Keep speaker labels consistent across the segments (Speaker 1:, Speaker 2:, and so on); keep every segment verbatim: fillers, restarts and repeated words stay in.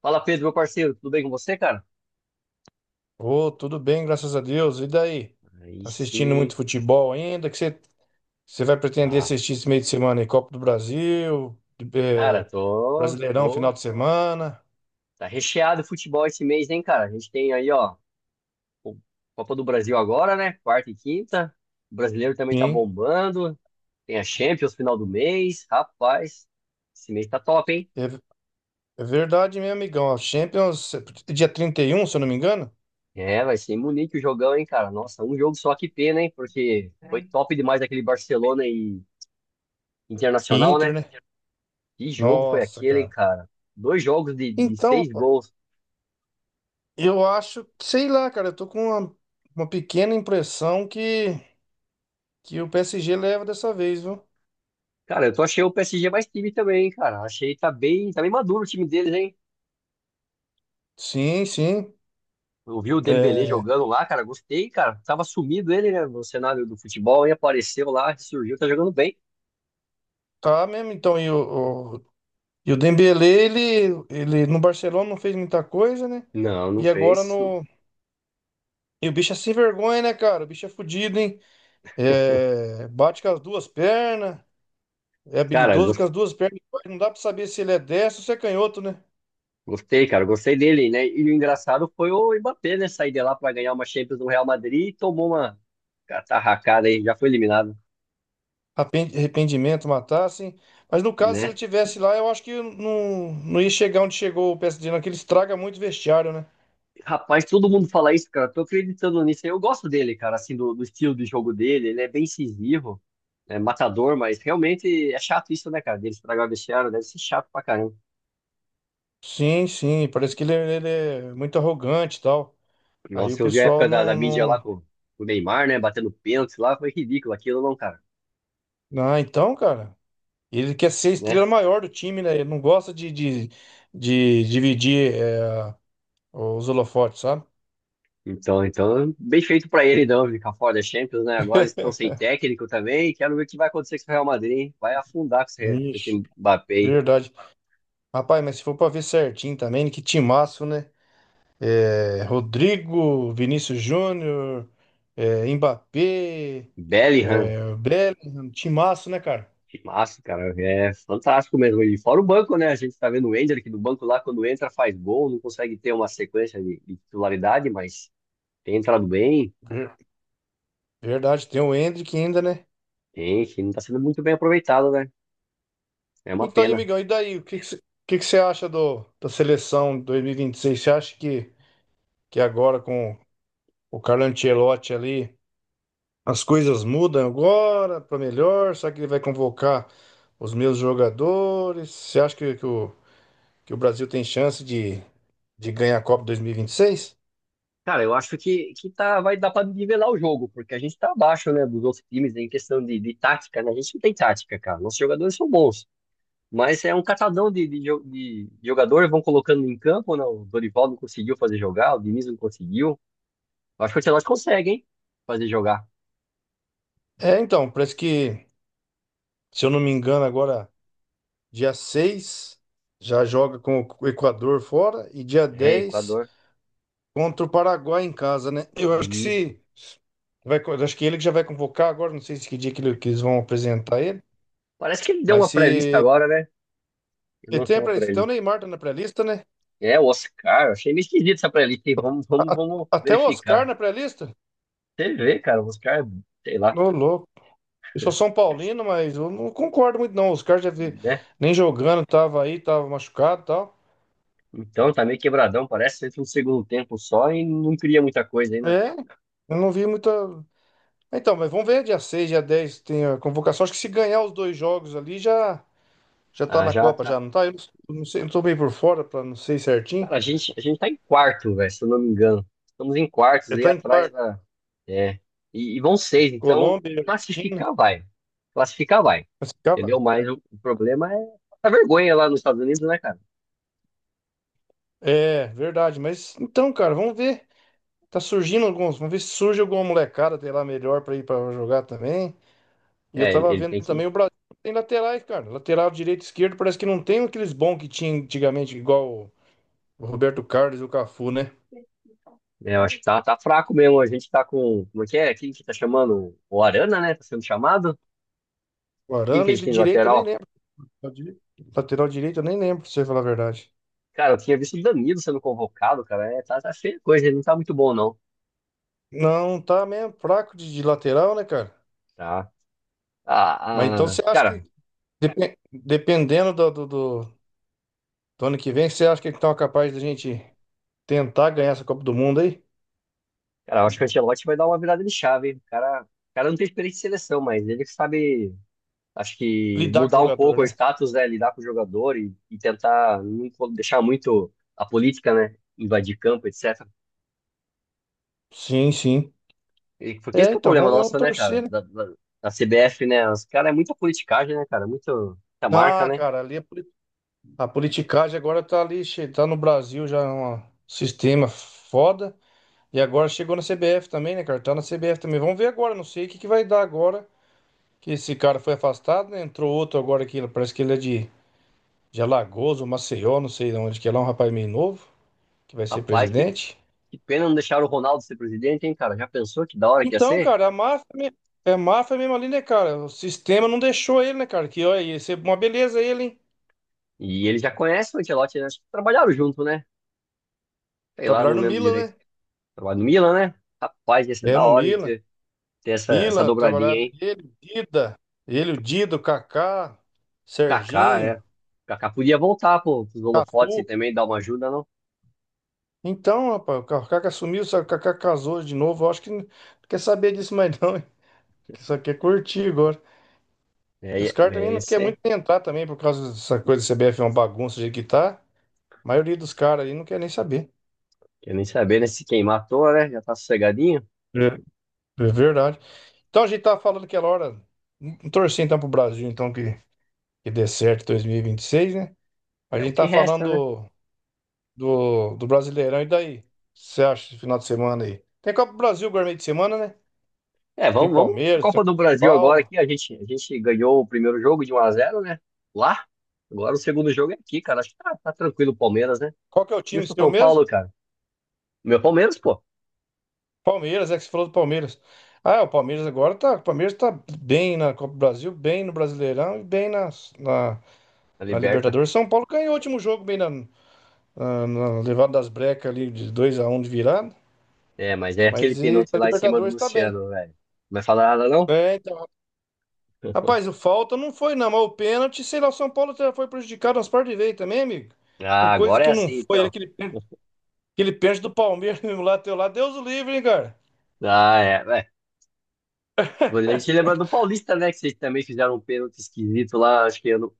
Speaker 1: Fala, Pedro, meu parceiro, tudo bem com você, cara?
Speaker 2: Ô, tudo bem, graças a Deus. E daí?
Speaker 1: Aí
Speaker 2: Tá assistindo muito
Speaker 1: sim.
Speaker 2: futebol ainda? Que você você vai pretender
Speaker 1: Ah,
Speaker 2: assistir esse meio de semana aí? Copa do Brasil,
Speaker 1: cara,
Speaker 2: eh,
Speaker 1: tô,
Speaker 2: Brasileirão, final
Speaker 1: tô.
Speaker 2: de semana?
Speaker 1: Tá recheado o futebol esse mês, hein, cara? A gente tem aí, ó, o Copa do Brasil agora, né? Quarta e quinta. O brasileiro também tá
Speaker 2: Sim,
Speaker 1: bombando. Tem a Champions final do mês. Rapaz, esse mês tá top, hein?
Speaker 2: é, é verdade, meu amigão. A Champions, é dia trinta e um se eu não me engano?
Speaker 1: É, vai ser em Munique o jogão, hein, cara? Nossa, um jogo só, que pena, hein? Porque foi top demais aquele Barcelona e
Speaker 2: E
Speaker 1: Internacional,
Speaker 2: Inter,
Speaker 1: né?
Speaker 2: né?
Speaker 1: Que jogo foi
Speaker 2: Nossa,
Speaker 1: aquele, hein,
Speaker 2: cara.
Speaker 1: cara? Dois jogos de, de
Speaker 2: Então,
Speaker 1: seis
Speaker 2: rapaz,
Speaker 1: gols.
Speaker 2: eu acho, que- sei lá, cara, eu tô com uma, uma pequena impressão que, que o P S G leva dessa vez, viu?
Speaker 1: Cara, eu tô achei o P S G mais time também, cara. Achei tá bem, tá bem maduro o time deles, hein?
Speaker 2: Sim, sim.
Speaker 1: Eu vi o Dembélé
Speaker 2: É,
Speaker 1: jogando lá, cara, gostei, cara. Tava sumido ele, né, no cenário do futebol e apareceu lá, surgiu, tá jogando bem.
Speaker 2: tá mesmo, então, e o, E o Dembélé, ele, ele no Barcelona não fez muita coisa, né?
Speaker 1: Não, não
Speaker 2: E agora
Speaker 1: fez. Isso.
Speaker 2: no. E o bicho é sem vergonha, né, cara? O bicho é fudido, hein? É, bate com as duas pernas, é
Speaker 1: Cara,
Speaker 2: habilidoso com
Speaker 1: gos-
Speaker 2: as duas pernas. Não dá pra saber se ele é destro ou se é canhoto, né?
Speaker 1: gostei, cara, gostei dele, né? E o engraçado foi o Mbappé, né, sair de lá pra ganhar uma Champions no Real Madrid e tomou uma catarracada aí, já foi eliminado,
Speaker 2: Arrepen- Arrependimento, matar, assim. Mas no caso, se ele
Speaker 1: né?
Speaker 2: tivesse lá, eu acho que não, não ia chegar onde chegou o P S G, não, que ele estraga muito o vestiário, né?
Speaker 1: Rapaz, todo mundo fala isso, cara. Tô acreditando nisso aí. Eu gosto dele, cara, assim, do, do estilo de jogo dele. Ele é bem incisivo, é matador, mas realmente é chato isso, né, cara? Dele estragar o vestiário, deve ser chato pra caramba.
Speaker 2: Sim, sim, parece que ele, é ele é muito arrogante e tal. Aí o
Speaker 1: Nossa, eu vi a
Speaker 2: pessoal
Speaker 1: época da, da
Speaker 2: não,
Speaker 1: mídia lá
Speaker 2: não...
Speaker 1: com com o Neymar, né, batendo pênalti lá, foi ridículo aquilo, não, cara,
Speaker 2: Ah, então, cara. Ele quer ser a
Speaker 1: né?
Speaker 2: estrela maior do time, né? Ele não gosta de, de, de dividir é, os holofotes, sabe?
Speaker 1: Então, então, bem feito pra ele, não, ficar fora da Champions, né? Agora eles estão sem técnico também. Quero ver o que vai acontecer com o Real Madrid, hein? Vai afundar com esse, com
Speaker 2: Vixe,
Speaker 1: esse Mbappé, aí.
Speaker 2: verdade. Rapaz, mas se for pra ver certinho também, que timaço, né? É, Rodrigo, Vinícius Júnior, é, Mbappé,
Speaker 1: Bellingham.
Speaker 2: é, Bellingham, timaço, né, cara?
Speaker 1: Que massa, cara. É fantástico mesmo. E fora o banco, né? A gente tá vendo o Ender que do banco lá, quando entra, faz gol, não consegue ter uma sequência de, de titularidade, mas tem entrado bem,
Speaker 2: Ver- Verdade, tem o Endrick ainda, né?
Speaker 1: tem, que não tá sendo muito bem aproveitado, né? É uma
Speaker 2: Então, e,
Speaker 1: pena.
Speaker 2: amigão, e daí? O que que você que que você acha do, da seleção dois mil e vinte e seis? Você acha que, que agora com o Carlo Ancelotti ali. As coisas mudam agora para melhor. Será que ele vai convocar os meus jogadores? Você acha que, que o, que o Brasil tem chance de, de ganhar a Copa dois mil e e vinte e seis?
Speaker 1: Cara, eu acho que, que tá, vai dar pra nivelar o jogo, porque a gente tá abaixo, né, dos outros times em questão de, de tática, né? A gente não tem tática, cara. Nossos jogadores são bons. Mas é um catadão de, de, jo- de jogador, vão colocando em campo, né? O Dorival não conseguiu fazer jogar, o Diniz não conseguiu. Eu acho que o Ancelotti consegue, hein? Fazer jogar.
Speaker 2: É, então, parece que, se eu não me engano, agora dia seis já joga com o Equador fora e dia
Speaker 1: É,
Speaker 2: dez
Speaker 1: Equador.
Speaker 2: contra o Paraguai em casa, né? Eu acho que
Speaker 1: Isso.
Speaker 2: se vai, co- acho que ele que já vai convocar agora, não sei se que dia que, ele- que eles vão apresentar ele,
Speaker 1: Parece que ele deu
Speaker 2: mas
Speaker 1: uma playlist
Speaker 2: se
Speaker 1: agora, né? Ele
Speaker 2: ele tem,
Speaker 1: lançou
Speaker 2: a
Speaker 1: uma
Speaker 2: pré- então o
Speaker 1: playlist.
Speaker 2: Neymar tá na pré-lista, né?
Speaker 1: É, o Oscar. Achei meio esquisito essa playlist, hein? Vamos, vamos,
Speaker 2: A-
Speaker 1: vamos
Speaker 2: Até o Oscar
Speaker 1: verificar.
Speaker 2: na pré-lista?
Speaker 1: Você vê, cara, o Oscar, sei lá,
Speaker 2: Ô, louco. Eu sou São Paulino, mas eu não concordo muito, não. O Oscar já vi
Speaker 1: né?
Speaker 2: nem jogando, tava aí, tava machucado e tal.
Speaker 1: Então, tá meio quebradão. Parece que entra um segundo tempo só e não cria muita coisa ainda.
Speaker 2: É, eu não vi muita. Então, mas vamos ver, dia seis dia dez tem a convocação. Acho que se ganhar os dois jogos ali, já, já tá
Speaker 1: Ah,
Speaker 2: na
Speaker 1: já.
Speaker 2: Copa, já, não tá? Eu não sei, eu tô meio por fora, pra não sei certinho.
Speaker 1: Cara, a gente, a gente tá em quarto, velho, se eu não me engano. Estamos em quartos
Speaker 2: Já
Speaker 1: aí
Speaker 2: tá em
Speaker 1: atrás
Speaker 2: quarto.
Speaker 1: da. É. E, e vão seis, então
Speaker 2: Colômbia, e Argentina.
Speaker 1: classificar vai. Classificar vai.
Speaker 2: Mas, cara,
Speaker 1: Entendeu? Mas o, o problema é a vergonha lá nos Estados Unidos, né, cara?
Speaker 2: é verdade, mas então, cara, vamos ver. Tá surgindo alguns. Vamos ver se surge alguma molecada, sei lá, melhor pra ir pra jogar também. E eu
Speaker 1: É, ele,
Speaker 2: tava
Speaker 1: ele
Speaker 2: vendo
Speaker 1: tem que.
Speaker 2: também o Brasil tem laterais, cara. Lateral direito e esquerdo parece que não tem aqueles bons que tinha antigamente, igual o Roberto Carlos e o Cafu, né?
Speaker 1: Né, eu acho que tá, tá fraco mesmo. A gente tá com. Como é que é? Quem que tá chamando? O Arana, né? Tá sendo chamado?
Speaker 2: O
Speaker 1: Quem que
Speaker 2: Arana,
Speaker 1: a gente
Speaker 2: ele
Speaker 1: tem de
Speaker 2: direito eu nem
Speaker 1: lateral?
Speaker 2: lembro. Lateral direito eu nem lembro, pra você falar a verdade.
Speaker 1: Cara, eu tinha visto o Danilo sendo convocado, cara. É, tá, tá feia a coisa, ele não tá muito bom, não.
Speaker 2: Não, tá mesmo fraco de, de lateral, né, cara?
Speaker 1: Tá.
Speaker 2: Mas então
Speaker 1: Ah, ah,
Speaker 2: você acha que,
Speaker 1: cara,
Speaker 2: depen- dependendo do, do, do- do ano que vem, você acha que eles estão capazes da gente tentar ganhar essa Copa do Mundo aí?
Speaker 1: cara, eu acho que o Ancelotti vai dar uma virada de chave, hein? O cara, o cara não tem experiência de seleção, mas ele sabe, acho que
Speaker 2: Lidar com o
Speaker 1: mudar um
Speaker 2: jogador,
Speaker 1: pouco o
Speaker 2: né?
Speaker 1: status, né? Lidar com o jogador e, e tentar não co- deixar muito a política, né? Invadir campo, et cetera.
Speaker 2: Sim, sim.
Speaker 1: E porque esse
Speaker 2: É,
Speaker 1: que é o
Speaker 2: então,
Speaker 1: problema
Speaker 2: vamos, vamos
Speaker 1: nosso, né, cara?
Speaker 2: torcer, né?
Speaker 1: Da, da, da C B F, né? Os caras é muita politicagem, né, cara? Muito, muita marca,
Speaker 2: Ah,
Speaker 1: né?
Speaker 2: cara, ali a, poli- a politicagem agora tá ali, che- tá no Brasil já é um sistema foda. E agora chegou na C B F também, né, cara? Tá na C B F também. Vamos ver agora, não sei o que que vai dar agora. Que esse cara foi afastado, né? Entrou outro agora aqui, parece que ele é de, de Alagoas, ou Maceió, não sei de onde que é lá, um rapaz meio novo, que vai ser
Speaker 1: Rapaz, que,
Speaker 2: presidente.
Speaker 1: que pena não deixar o Ronaldo ser presidente, hein, cara? Já pensou que da hora que ia
Speaker 2: Então,
Speaker 1: ser?
Speaker 2: cara, a máfia, me- é máfia mesmo ali, né, cara? O sistema não deixou ele, né, cara? Que, olha, ia ser uma beleza ele, hein?
Speaker 1: E ele já conhece o Ancelotti, né? Acho que trabalharam junto, né? Sei lá,
Speaker 2: Trabalhar
Speaker 1: não
Speaker 2: no
Speaker 1: lembro
Speaker 2: Milan,
Speaker 1: direito.
Speaker 2: né?
Speaker 1: Trabalho no Milan, né? Rapaz, ia ser
Speaker 2: É,
Speaker 1: da
Speaker 2: no
Speaker 1: hora, hein,
Speaker 2: Milan.
Speaker 1: ter, ter essa, essa
Speaker 2: Milan,
Speaker 1: dobradinha,
Speaker 2: trabalhava
Speaker 1: hein?
Speaker 2: ele, o Dida, ele, o Dido, o Kaká,
Speaker 1: O Kaká, é.
Speaker 2: Serginho,
Speaker 1: O Kaká podia voltar, pô, pros holofotes e
Speaker 2: Cafu.
Speaker 1: também dar uma ajuda, não?
Speaker 2: Então, rapaz, o Kaká sumiu, só que o Kaká casou de novo. Eu acho que não quer saber disso mais não, hein? Que só quer curtir agora.
Speaker 1: É,
Speaker 2: E os
Speaker 1: ia-
Speaker 2: caras também
Speaker 1: é, ia
Speaker 2: não querem
Speaker 1: ser.
Speaker 2: muito entrar também por causa dessa coisa do C B F é uma bagunça do jeito que tá. A maioria dos caras aí não quer nem saber.
Speaker 1: Quer nem saber, né? Se quem matou, né? Já tá sossegadinho.
Speaker 2: É, é verdade. Então a gente tava falando aquela hora, torcendo então pro Brasil, então que, que dê certo em dois mil e e vinte e seis, né? A
Speaker 1: É o
Speaker 2: gente
Speaker 1: que
Speaker 2: tá
Speaker 1: resta, né?
Speaker 2: falando do, do Brasileirão. E daí? O que você acha esse final de semana aí? Tem Copa do Brasil agora meio de semana, né?
Speaker 1: É,
Speaker 2: Acho que
Speaker 1: vamos,
Speaker 2: tem
Speaker 1: vamos pra
Speaker 2: Palmeiras, tem São
Speaker 1: Copa do Brasil agora
Speaker 2: Paulo.
Speaker 1: aqui. A gente, a gente ganhou o primeiro jogo de um a zero, né? Lá. Agora o segundo jogo é aqui, cara. Acho que tá, tá tranquilo o Palmeiras, né?
Speaker 2: Qual que é o
Speaker 1: E o
Speaker 2: time
Speaker 1: São
Speaker 2: seu mesmo?
Speaker 1: Paulo, cara? Meu Palmeiras, pô.
Speaker 2: Palmeiras, é que você falou do Palmeiras. Ah, o Palmeiras agora tá. O Palmeiras tá bem na Copa do Brasil, bem no Brasileirão e bem nas- na,
Speaker 1: A
Speaker 2: na,
Speaker 1: liberta.
Speaker 2: Libertadores. São Paulo ganhou o último jogo bem na, na, na levada das brecas ali de dois a um de virada.
Speaker 1: É, mas é aquele
Speaker 2: Mas e
Speaker 1: pênalti
Speaker 2: na
Speaker 1: lá em cima do
Speaker 2: Libertadores tá bem.
Speaker 1: Luciano, velho. Não vai falar nada, não?
Speaker 2: É, então, rapaz, o falta não foi, não, mas o pênalti, sei lá, o São Paulo já foi prejudicado umas partes de vez também, amigo. Com
Speaker 1: Ah,
Speaker 2: coisa
Speaker 1: agora é
Speaker 2: que não
Speaker 1: assim,
Speaker 2: foi,
Speaker 1: então.
Speaker 2: aquele, pên- aquele pênalti do Palmeiras mesmo lá, teu lá, Deus o livre, hein, cara.
Speaker 1: Ah, é. É. A gente lembra do Paulista, né? Que vocês também fizeram um pênalti esquisito lá, acho que ano...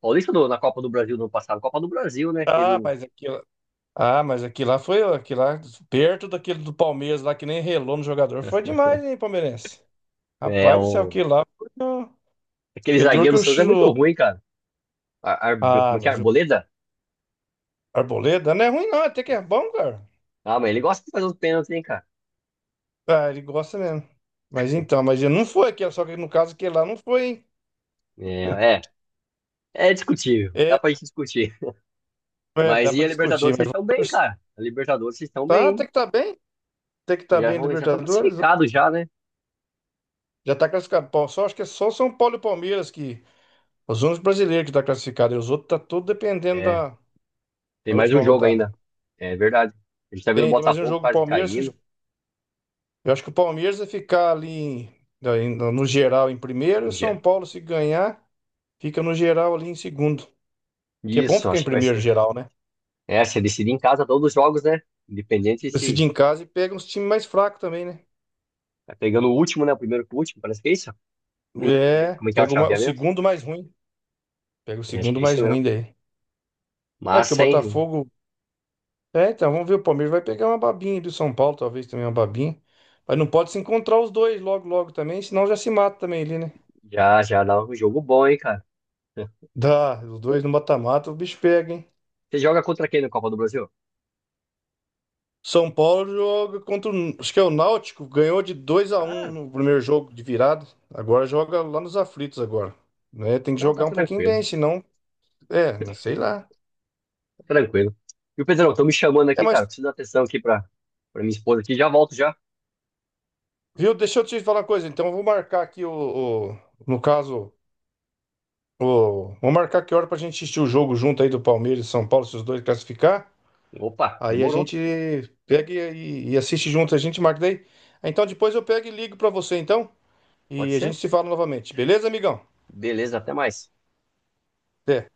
Speaker 1: Paulista ou na Copa do Brasil no ano passado, Copa do Brasil, né? Teve
Speaker 2: Ah,
Speaker 1: um.
Speaker 2: mas aquilo, ah, mas aquilo lá foi, aquilo lá, perto daquele do Palmeiras lá, que nem relou no jogador, foi demais, hein, palmeirense.
Speaker 1: É,
Speaker 2: Rapaz do céu,
Speaker 1: o...
Speaker 2: aquilo lá foi, ó,
Speaker 1: Aquele
Speaker 2: e o duro
Speaker 1: zagueiro
Speaker 2: que
Speaker 1: do
Speaker 2: o...
Speaker 1: Santos é muito
Speaker 2: chu-
Speaker 1: ruim, cara. Ar... Ar- Como
Speaker 2: Ah,
Speaker 1: é que é?
Speaker 2: mas o
Speaker 1: Arboleda?
Speaker 2: Arboleda não é ruim não, é até que é bom, cara.
Speaker 1: Ah, mas ele gosta de fazer os pênaltis, hein, cara?
Speaker 2: Ah, ele gosta mesmo. Mas então, mas ele não foi aquele, só que no caso aquele lá não foi, hein.
Speaker 1: É, é. É discutível. Dá
Speaker 2: É,
Speaker 1: pra gente discutir.
Speaker 2: É, dá
Speaker 1: Mas e
Speaker 2: pra
Speaker 1: a
Speaker 2: discutir,
Speaker 1: Libertadores,
Speaker 2: mas
Speaker 1: vocês
Speaker 2: vamos
Speaker 1: estão bem,
Speaker 2: torcer.
Speaker 1: cara. A Libertadores, vocês estão bem,
Speaker 2: Tá, tem
Speaker 1: hein?
Speaker 2: que estar bem, tem que
Speaker 1: Vocês
Speaker 2: estar
Speaker 1: já
Speaker 2: bem em
Speaker 1: vão, já estão
Speaker 2: Libertadores.
Speaker 1: classificados já, né?
Speaker 2: Já tá classificado. Pô, só acho que é só São Paulo e Palmeiras que os únicos brasileiros que tá classificado, e os outros tá tudo dependendo da,
Speaker 1: É. Tem
Speaker 2: da
Speaker 1: mais um
Speaker 2: última
Speaker 1: jogo
Speaker 2: rodada.
Speaker 1: ainda. É verdade. A gente tá vendo o
Speaker 2: Tem, tem mais um
Speaker 1: Botafogo
Speaker 2: jogo
Speaker 1: quase
Speaker 2: Palmeiras.
Speaker 1: caindo.
Speaker 2: Eu acho que o Palmeiras vai ficar ali em- em- no geral em primeiro, e
Speaker 1: Um
Speaker 2: o São
Speaker 1: dia.
Speaker 2: Paulo se ganhar fica no geral ali em segundo. Que é bom
Speaker 1: Isso,
Speaker 2: ficar em
Speaker 1: acho que vai
Speaker 2: primeiro
Speaker 1: ser.
Speaker 2: geral, né?
Speaker 1: É, se decidir em casa todos os jogos, né? Independente
Speaker 2: Decide
Speaker 1: se
Speaker 2: em casa e pega uns times mais fracos também, né?
Speaker 1: tá pegando o último, né? O primeiro com o último, parece que é isso. Não lembro direito
Speaker 2: É,
Speaker 1: como é que é o
Speaker 2: pega o ma- o
Speaker 1: chaveamento.
Speaker 2: segundo mais ruim. Pega o
Speaker 1: É, acho que
Speaker 2: segundo
Speaker 1: é isso
Speaker 2: mais
Speaker 1: mesmo.
Speaker 2: ruim daí. É que
Speaker 1: Mas,
Speaker 2: o
Speaker 1: hein?
Speaker 2: Botafogo. É, então, vamos ver. O Palmeiras vai pegar uma babinha do São Paulo, talvez também uma babinha. Mas não pode se encontrar os dois logo, logo também, senão já se mata também ali, né?
Speaker 1: Já, já dá um jogo bom, hein, cara?
Speaker 2: Dá, os dois no mata-mata, o bicho pega, hein?
Speaker 1: Você joga contra quem no Copa do Brasil?
Speaker 2: São Paulo joga contra, o- acho que é o Náutico, ganhou de dois a um
Speaker 1: Ah,
Speaker 2: no primeiro jogo de virada. Agora joga lá nos aflitos agora, né? Tem que
Speaker 1: não, tá
Speaker 2: jogar um pouquinho
Speaker 1: tranquilo.
Speaker 2: bem, senão, é, não sei lá.
Speaker 1: Tá tranquilo. E o Pedrão, estão me chamando
Speaker 2: É,
Speaker 1: aqui,
Speaker 2: mas,
Speaker 1: cara. Preciso dar atenção aqui pra, pra minha esposa aqui. Já volto já.
Speaker 2: viu, deixa eu te falar uma coisa, então eu vou marcar aqui o, o- no caso, ô, vamos marcar que hora pra gente assistir o jogo junto aí do Palmeiras e São Paulo, se os dois classificar.
Speaker 1: Opa,
Speaker 2: Aí a
Speaker 1: demorou.
Speaker 2: gente pega e, e assiste junto, a gente marca daí. Ah, então depois eu pego e ligo pra você então.
Speaker 1: Pode
Speaker 2: E a gente
Speaker 1: ser?
Speaker 2: se fala novamente. Beleza, amigão?
Speaker 1: Beleza, até mais.
Speaker 2: Até.